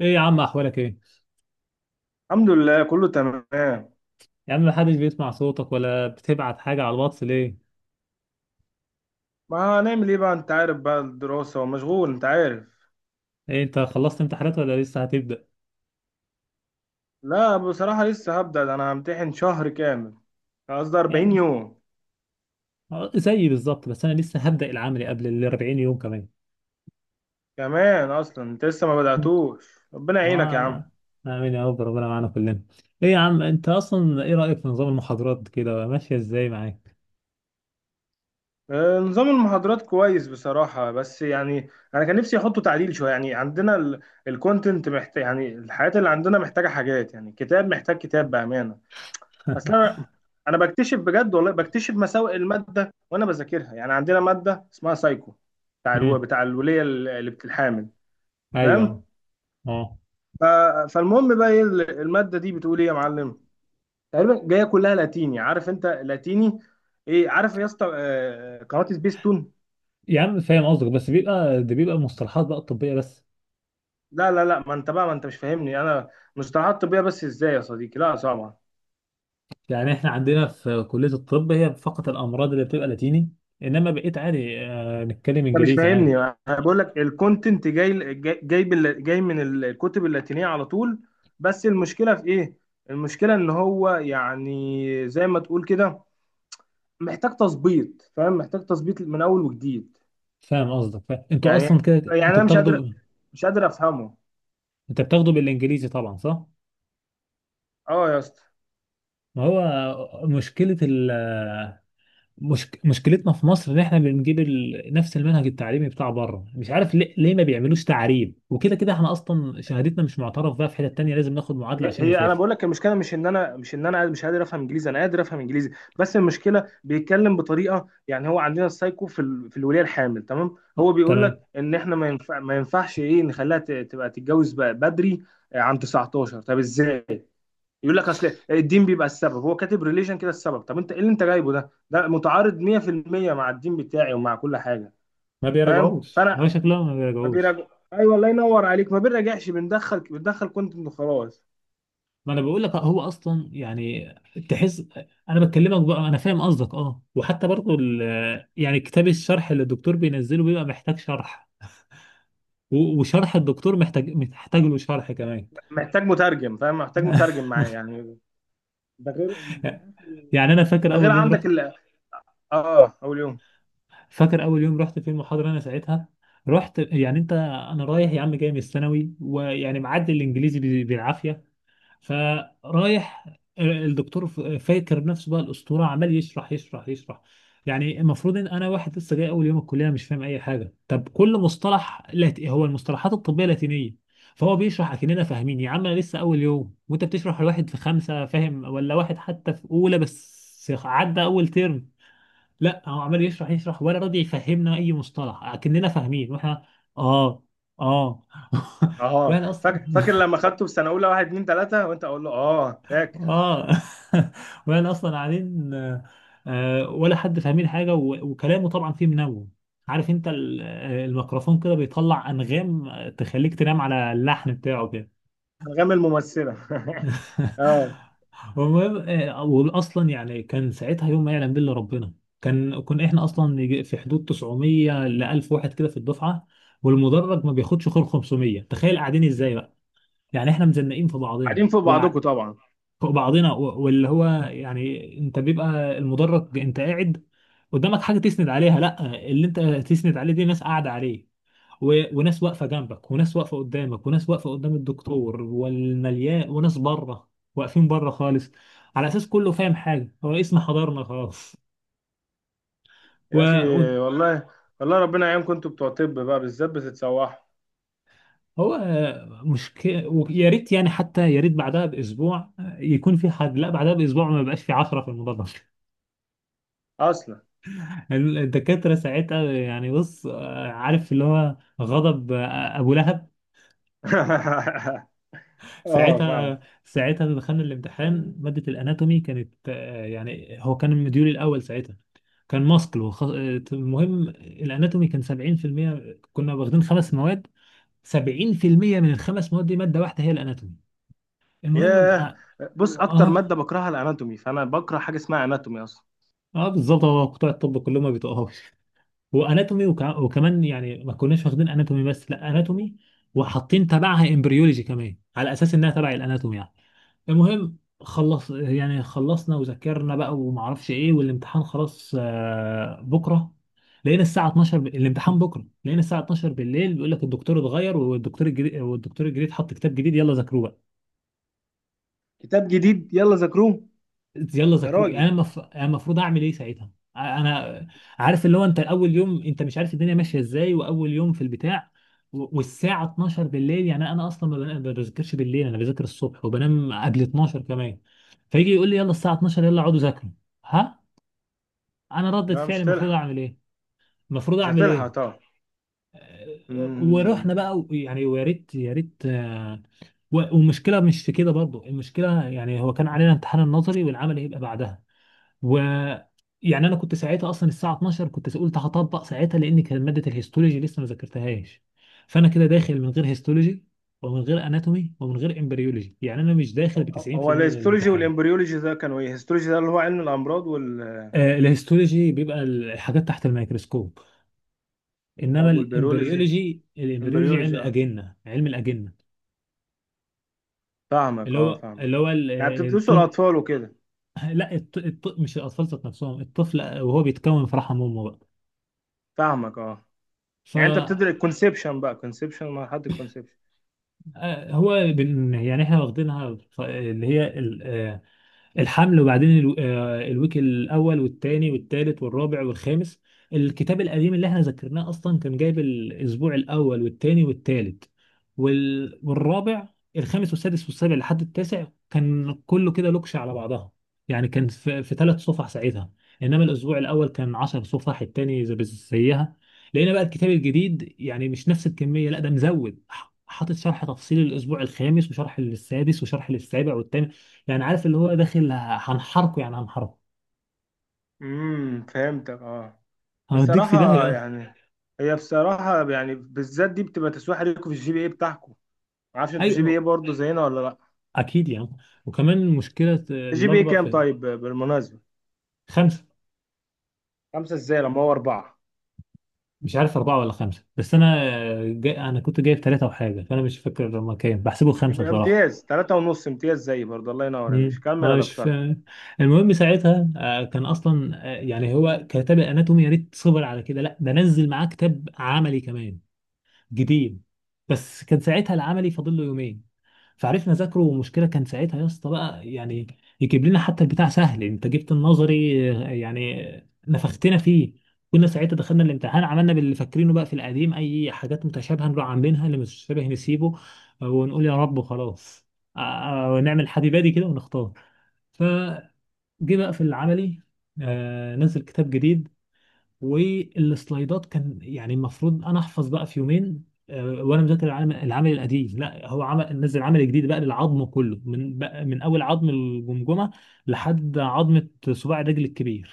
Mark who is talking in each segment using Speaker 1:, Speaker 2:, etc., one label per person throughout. Speaker 1: ايه يا عم، احوالك ايه؟
Speaker 2: الحمد لله كله تمام.
Speaker 1: يا عم، محدش بيسمع صوتك ولا بتبعت حاجه على الواتس ليه؟
Speaker 2: ما هنعمل ايه بقى؟ انت عارف بقى الدراسة ومشغول انت عارف.
Speaker 1: ايه انت خلصت امتحانات ولا لسه هتبدا؟
Speaker 2: لا بصراحة لسه هبدأ، ده انا همتحن شهر كامل. قصدي 40
Speaker 1: يعني
Speaker 2: يوم
Speaker 1: زيي بالظبط، بس انا لسه هبدا العملي قبل ال 40 يوم كمان.
Speaker 2: كمان. اصلا انت لسه ما بدأتوش، ربنا يعينك
Speaker 1: آه،
Speaker 2: يا عم.
Speaker 1: الله. امين يا رب، ربنا معانا كلنا. ايه يا عم، انت اصلا ايه رايك في نظام المحاضرات كده، ماشيه ازاي معاك؟
Speaker 2: نظام المحاضرات كويس بصراحة، بس يعني انا كان نفسي احطه تعديل شوية. يعني عندنا الكونتنت محتاج، يعني الحاجات اللي عندنا محتاجة حاجات، يعني كتاب محتاج كتاب بأمانة اصلا. انا بكتشف بجد، والله بكتشف مساوئ الماده وانا بذاكرها. يعني عندنا ماده اسمها سايكو،
Speaker 1: امم.
Speaker 2: بتاع الوليه اللي بتتحامل،
Speaker 1: ايوه.
Speaker 2: فاهم؟
Speaker 1: اه
Speaker 2: ف... فالمهم بقى ايه الماده دي بتقول ايه يا معلم؟ تقريبا جايه كلها لاتيني، عارف انت لاتيني ايه؟ عارف يا اسطى؟ قناه سبيستون.
Speaker 1: يا عم، فاهم قصدك، بس بيبقى مصطلحات بقى طبيه بس.
Speaker 2: لا لا لا، ما انت مش فاهمني انا. مصطلحات طبيه بس ازاي يا صديقي؟ لا طبعا.
Speaker 1: يعني احنا عندنا في كليه الطب هي فقط الامراض اللي بتبقى لاتيني، انما بقيت عادي نتكلم
Speaker 2: انت مش
Speaker 1: انجليزي
Speaker 2: فاهمني،
Speaker 1: عادي.
Speaker 2: انا بقول لك الكونتنت جاي من الكتب اللاتينيه على طول. بس المشكله في ايه؟ المشكله ان هو يعني زي ما تقول كده محتاج تظبيط، فاهم؟ محتاج تظبيط من اول وجديد.
Speaker 1: فاهم قصدك فاهم. انتوا
Speaker 2: يعني
Speaker 1: اصلا كده
Speaker 2: يعني
Speaker 1: انتوا
Speaker 2: انا مش قادر،
Speaker 1: بتاخدوا.
Speaker 2: مش قادر افهمه.
Speaker 1: انت بتاخدوا بالانجليزي طبعا، صح؟
Speaker 2: اه يا اسطى.
Speaker 1: ما هو مشكلة ال مشكلتنا في مصر ان احنا بنجيب نفس المنهج التعليمي بتاع بره، مش عارف ليه ما بيعملوش تعريب؟ وكده كده احنا اصلا شهادتنا مش معترف بها في حتة تانية، لازم ناخد معادلة
Speaker 2: هي
Speaker 1: عشان
Speaker 2: هي انا
Speaker 1: نسافر.
Speaker 2: بقول لك، المشكله مش ان انا مش قادر افهم انجليزي، انا قادر افهم انجليزي. بس المشكله بيتكلم بطريقه، يعني هو عندنا السايكو في الوليه الحامل، تمام؟ هو
Speaker 1: آه،
Speaker 2: بيقول لك
Speaker 1: تمام.
Speaker 2: ان احنا ما ينفعش ايه، نخليها تبقى تتجوز بقى بدري. عن 19، طب ازاي؟ يقول لك اصل الدين بيبقى السبب، هو كاتب ريليشن كده السبب. طب انت ايه اللي انت جايبه ده؟ ده متعارض 100% مع الدين بتاعي ومع كل حاجه،
Speaker 1: ما
Speaker 2: فاهم؟
Speaker 1: بيراجعوش،
Speaker 2: فانا
Speaker 1: هو شكلهم ما
Speaker 2: ما
Speaker 1: بيراجعوش.
Speaker 2: بيراجع. ايوه، الله ينور عليك، ما بنراجعش، بندخل كونتنت وخلاص.
Speaker 1: ما انا بقول لك هو اصلا يعني تحس. انا بكلمك بقى، انا فاهم قصدك اه، وحتى برضو يعني كتاب الشرح اللي الدكتور بينزله بيبقى محتاج شرح، وشرح الدكتور محتاج له شرح كمان.
Speaker 2: محتاج مترجم، فاهم؟ محتاج مترجم معايا يعني. ده غير،
Speaker 1: يعني انا فاكر
Speaker 2: ده غير
Speaker 1: اول يوم رحت،
Speaker 2: عندك ال، اه اول يوم.
Speaker 1: فاكر اول يوم رحت في المحاضره انا ساعتها. رحت يعني انت. انا رايح يا عم، جاي من الثانوي، ويعني معدي الانجليزي بالعافيه. فرايح الدكتور، فاكر نفسه بقى الاسطوره، عمال يشرح يشرح يشرح. يعني المفروض ان انا واحد لسه جاي اول يوم الكليه، مش فاهم اي حاجه، طب كل مصطلح هو المصطلحات الطبيه لاتينيه، فهو بيشرح اكننا فاهمين. يا عم انا لسه اول يوم، وانت بتشرح لواحد في خمسه فاهم ولا واحد حتى في اولى بس عدى اول ترم. لا هو عمال يشرح يشرح ولا راضي يفهمنا اي مصطلح، اكننا فاهمين. واحنا اه، اه.
Speaker 2: اه
Speaker 1: واحنا اصلا
Speaker 2: فاكر، فاكر لما خدته في سنه اولى، واحد اتنين تلاته وانت اقول له اه فاكر.
Speaker 1: اه. وانا اصلا قاعدين. ولا حد فاهمين حاجه، وكلامه طبعا فيه منوم. عارف انت الميكروفون كده بيطلع انغام، تخليك تنام على اللحن بتاعه كده.
Speaker 2: انغام الممثله. اه.
Speaker 1: المهم واصلا يعني كان ساعتها يوم ما يعلم بالله ربنا. كان كنا احنا اصلا يجي في حدود 900 ل 1000 واحد كده في الدفعه، والمدرج ما بياخدش غير 500، تخيل قاعدين ازاي بقى. يعني احنا مزنقين في بعضنا،
Speaker 2: قاعدين فوق بعضكم طبعا.
Speaker 1: فوق بعضنا، واللي هو يعني انت بيبقى المدرج، انت قاعد قدامك حاجه تسند عليها؟ لا، اللي انت تسند عليه دي ناس قاعده عليه، وناس واقفه جنبك، وناس واقفه قدامك، وناس واقفه قدام الدكتور والمليان، وناس بره واقفين بره خالص، على اساس كله فاهم حاجه، هو اسم حضرنا خلاص. و...
Speaker 2: يا اخي،
Speaker 1: و...
Speaker 2: والله، والله ربنا يعينكم، انتوا بتوع طب بقى بالذات بتتسوحوا
Speaker 1: هو مشكله، ويا ريت يعني حتى يا ريت بعدها باسبوع يكون في حد. لا بعدها باسبوع ما بقاش في 10 في المدرج.
Speaker 2: اصلا.
Speaker 1: الدكاترة ساعتها يعني بص، عارف اللي هو غضب أبو لهب.
Speaker 2: اه فاهم.
Speaker 1: ساعتها دخلنا الامتحان، مادة الأناتومي كانت، يعني هو كان المديول الأول ساعتها. كان ماسكل وخ... آه، المهم الأناتومي كان 70%، كنا واخدين خمس مواد، 70% من الخمس مواد دي مادة واحدة هي الأناتومي. المهم
Speaker 2: ياه. بص اكتر ماده
Speaker 1: آه,
Speaker 2: بكرهها الاناتومي، فانا بكره حاجه اسمها اناتومي اصلا.
Speaker 1: بالظبط، هو بتوع الطب كلهم ما بيتقهوش. واناتومي وكمان، يعني ما كناش واخدين اناتومي بس، لا، اناتومي وحاطين تبعها امبريولوجي كمان، على اساس انها تبع الاناتومي يعني. المهم خلص، يعني خلصنا وذاكرنا بقى وما اعرفش ايه، والامتحان خلاص، بكره. لقينا الساعه 12 الامتحان بكره، لقينا الساعه 12 بالليل بيقول لك الدكتور اتغير، والدكتور الجديد حط كتاب جديد، يلا ذاكروه.
Speaker 2: كتاب جديد يلا ذاكروه!
Speaker 1: يلا
Speaker 2: يا
Speaker 1: ذاكروا، انا
Speaker 2: راجل،
Speaker 1: المفروض اعمل ايه ساعتها؟ انا، عارف اللي هو انت اول يوم، انت مش عارف الدنيا ماشيه ازاي، واول يوم في البتاع، والساعه 12 بالليل، يعني انا اصلا ما بذاكرش بالليل، انا بذاكر الصبح وبنام قبل 12 كمان، فيجي يقول لي يلا الساعه 12 يلا اقعدوا ذاكروا. ها، انا ردة
Speaker 2: لا مش
Speaker 1: فعلي المفروض
Speaker 2: هتلحق،
Speaker 1: اعمل ايه؟ المفروض
Speaker 2: مش
Speaker 1: اعمل
Speaker 2: هتلحق
Speaker 1: ايه؟
Speaker 2: طبعا.
Speaker 1: ورحنا
Speaker 2: امم.
Speaker 1: بقى، يعني ويا ريت يا ريت، والمشكله مش في كده برضو. المشكله يعني هو كان علينا امتحان النظري، والعمل هيبقى بعدها، و يعني انا كنت ساعتها اصلا الساعه 12 كنت قلت هطبق ساعتها، لان كان ماده الهيستولوجي لسه ما ذاكرتهاش، فانا كده داخل من غير هيستولوجي، ومن غير اناتومي، ومن غير امبريولوجي، يعني انا مش داخل ب
Speaker 2: هو
Speaker 1: 90% من
Speaker 2: الهيستولوجي
Speaker 1: الامتحان.
Speaker 2: والامبريولوجي ده كانوا ايه؟ الهيستولوجي ده اللي هو علم الامراض وال،
Speaker 1: الهيستولوجي بيبقى الحاجات تحت الميكروسكوب، انما
Speaker 2: طب والبيولوجي؟
Speaker 1: الامبريولوجي، الامبريولوجي علم
Speaker 2: امبريولوجي اه،
Speaker 1: الاجنه، علم الاجنه
Speaker 2: فاهمك،
Speaker 1: اللي
Speaker 2: اه
Speaker 1: هو،
Speaker 2: فاهمك.
Speaker 1: اللي هو
Speaker 2: يعني بتدرسوا
Speaker 1: الطفل.
Speaker 2: الاطفال وكده؟
Speaker 1: لا مش الاطفال ذات نفسهم، الطفل وهو بيتكون في رحم امه بقى.
Speaker 2: فاهمك اه.
Speaker 1: ف
Speaker 2: يعني انت بتدرس الكونسبشن بقى، كونسبشن مرحله الكونسبشن.
Speaker 1: آه، هو يعني احنا واخدينها اللي هي الحمل، وبعدين الويك الاول والثاني والثالث والرابع والخامس. الكتاب القديم اللي احنا ذكرناه اصلا كان جايب الاسبوع الاول والثاني والثالث والرابع، الخامس والسادس والسابع لحد التاسع كان كله كده لوكش على بعضها. يعني كان في ثلاث صفح ساعتها، انما الاسبوع الاول كان 10 صفح، الثاني زي زيها. لقينا بقى الكتاب الجديد يعني مش نفس الكميه، لا ده مزود، حاطط شرح تفصيلي للاسبوع الخامس، وشرح للسادس، وشرح للسابع والثامن. يعني عارف اللي هو داخل هنحرقه، يعني هنحرقه،
Speaker 2: امم، فهمتك اه.
Speaker 1: هوديك في
Speaker 2: بصراحه
Speaker 1: داهية أصلا.
Speaker 2: يعني، هي بصراحه يعني بالذات دي بتبقى تسويح ليكم في الجي بي اي بتاعكم. ما اعرفش انتوا
Speaker 1: أيوة
Speaker 2: جي بي اي برضه زينا ولا لا؟
Speaker 1: أكيد يعني. وكمان المشكلة
Speaker 2: الجي بي اي
Speaker 1: الأكبر
Speaker 2: كام
Speaker 1: في
Speaker 2: طيب بالمناسبه؟
Speaker 1: خمسة.
Speaker 2: خمسه ازاي لما هو اربعه؟
Speaker 1: مش عارف أربعة ولا خمسة، بس أنا جاي. أنا كنت جايب ثلاثة وحاجة، فأنا مش فاكر لما كان بحسبه خمسة
Speaker 2: يبقى
Speaker 1: بصراحة.
Speaker 2: امتياز. تلاتة ونص امتياز زي برضه، الله ينور يا
Speaker 1: مم.
Speaker 2: باشا، كمل
Speaker 1: أنا
Speaker 2: يا
Speaker 1: مش
Speaker 2: دكتور.
Speaker 1: فا... المهم ساعتها كان أصلا يعني هو كتاب الأناتومي يا ريت صبر على كده، لا ده نزل معاه كتاب عملي كمان جديد. بس كان ساعتها العملي فاضل له يومين، فعرفنا نذاكره. ومشكلة كان ساعتها يا اسطى بقى، يعني يجيب لنا حتى البتاع سهل. انت جبت النظري، يعني نفختنا فيه. كنا ساعتها دخلنا الامتحان، عملنا باللي فاكرينه بقى في القديم، اي حاجات متشابهة نروح عاملينها، اللي مش متشابه نسيبه، ونقول يا رب خلاص، ونعمل حبيبادي كده ونختار. فجه بقى في العملي، نزل كتاب جديد، والسلايدات كان يعني المفروض انا احفظ بقى في يومين، وانا مذاكر العمل القديم. لا، هو عمل نزل عمل جديد بقى للعظم كله، من بقى من اول عظم الجمجمه لحد عظمه صباع الرجل الكبير.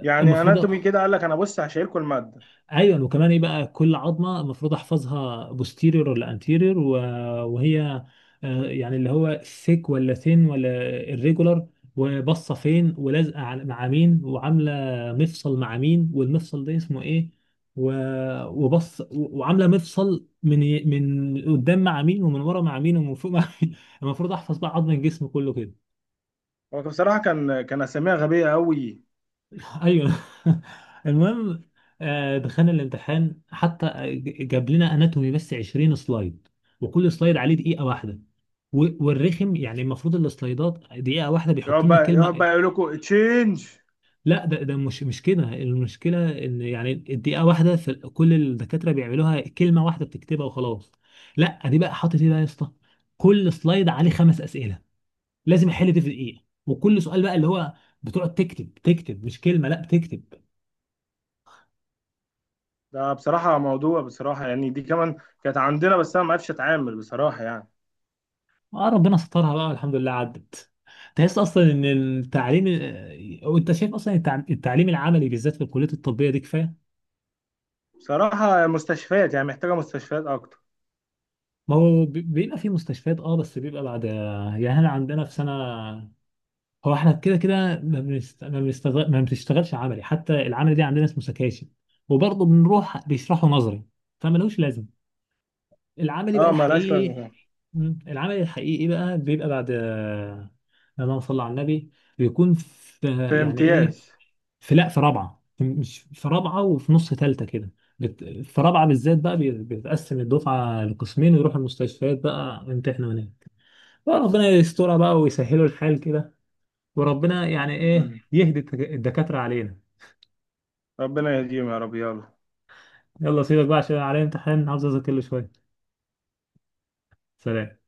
Speaker 2: يعني
Speaker 1: المفروض،
Speaker 2: اناتومي كده قال لك انا بص هشيلكوا الماده؟
Speaker 1: ايوه، وكمان ايه بقى، كل عظمه المفروض احفظها بوستيريور ولا انتيريور، وهي يعني اللي هو ثيك ولا ثين ولا الريجولار، وبصه فين، ولازقه مع مين، وعامله مفصل مع مين، والمفصل ده اسمه ايه، وبص، وعامله مفصل من قدام مع مين، ومن ورا مع مين، ومن فوق مع مين. المفروض احفظ بقى عظم الجسم كله كده.
Speaker 2: هو بصراحه كان، كان اساميها غبيه قوي.
Speaker 1: ايوه. المهم دخلنا الامتحان حتى. جاب لنا اناتومي بس 20 سلايد، وكل سلايد عليه دقيقه واحده، والرخم يعني المفروض السلايدات دقيقه واحده بيحط
Speaker 2: يقعد
Speaker 1: لنا
Speaker 2: بقى، يقعد
Speaker 1: كلمه.
Speaker 2: بقى يقول لكم تشينج.
Speaker 1: لا، ده ده مش مش كده. المشكله ان يعني الدقيقه واحده في كل الدكاتره بيعملوها كلمه واحده بتكتبها وخلاص، لا دي بقى حاطط ايه بقى يا اسطى، كل سلايد عليه خمس اسئله، لازم احل دي في دقيقه. وكل سؤال بقى اللي هو، بتقعد تكتب تكتب، مش كلمه، لا بتكتب.
Speaker 2: ده بصراحه موضوع، بصراحه يعني دي كمان كانت عندنا، بس انا ما عرفتش اتعامل بصراحه يعني.
Speaker 1: اه ربنا سترها بقى الحمد لله عدت. تحس اصلا ان التعليم، وانت شايف اصلا التعليم العملي بالذات في الكليه الطبيه دي كفايه.
Speaker 2: بصراحه مستشفيات، يعني محتاجه مستشفيات اكتر.
Speaker 1: ما هو بيبقى في مستشفيات اه، بس بيبقى بعد، يعني احنا عندنا في سنه، هو احنا كده كده ما بنست... ما بنستغل... ما بنشتغلش عملي، حتى العمل دي عندنا اسمه سكاشن، وبرضه بنروح بيشرحوا نظري، فملوش لازمه. العملي بقى
Speaker 2: اه ملهاش
Speaker 1: الحقيقي،
Speaker 2: لازمه.
Speaker 1: العملي الحقيقي بقى بيبقى بعد، اللهم صل على النبي، بيكون في،
Speaker 2: في
Speaker 1: يعني ايه،
Speaker 2: امتياز.
Speaker 1: في، لا في رابعه، مش في رابعه وفي نص ثالثه كده، في رابعه بالذات بقى بيتقسم الدفعه لقسمين، ويروحوا المستشفيات بقى يمتحنوا هناك. بقى ربنا يسترها بقى ويسهلوا الحال كده، وربنا يعني ايه
Speaker 2: مم.
Speaker 1: يهدي الدكاتره علينا.
Speaker 2: ربنا يهديهم يا رب، يلا.
Speaker 1: يلا سيبك بقى عشان عليا امتحان، عاوز اذاكر له شويه. سلام.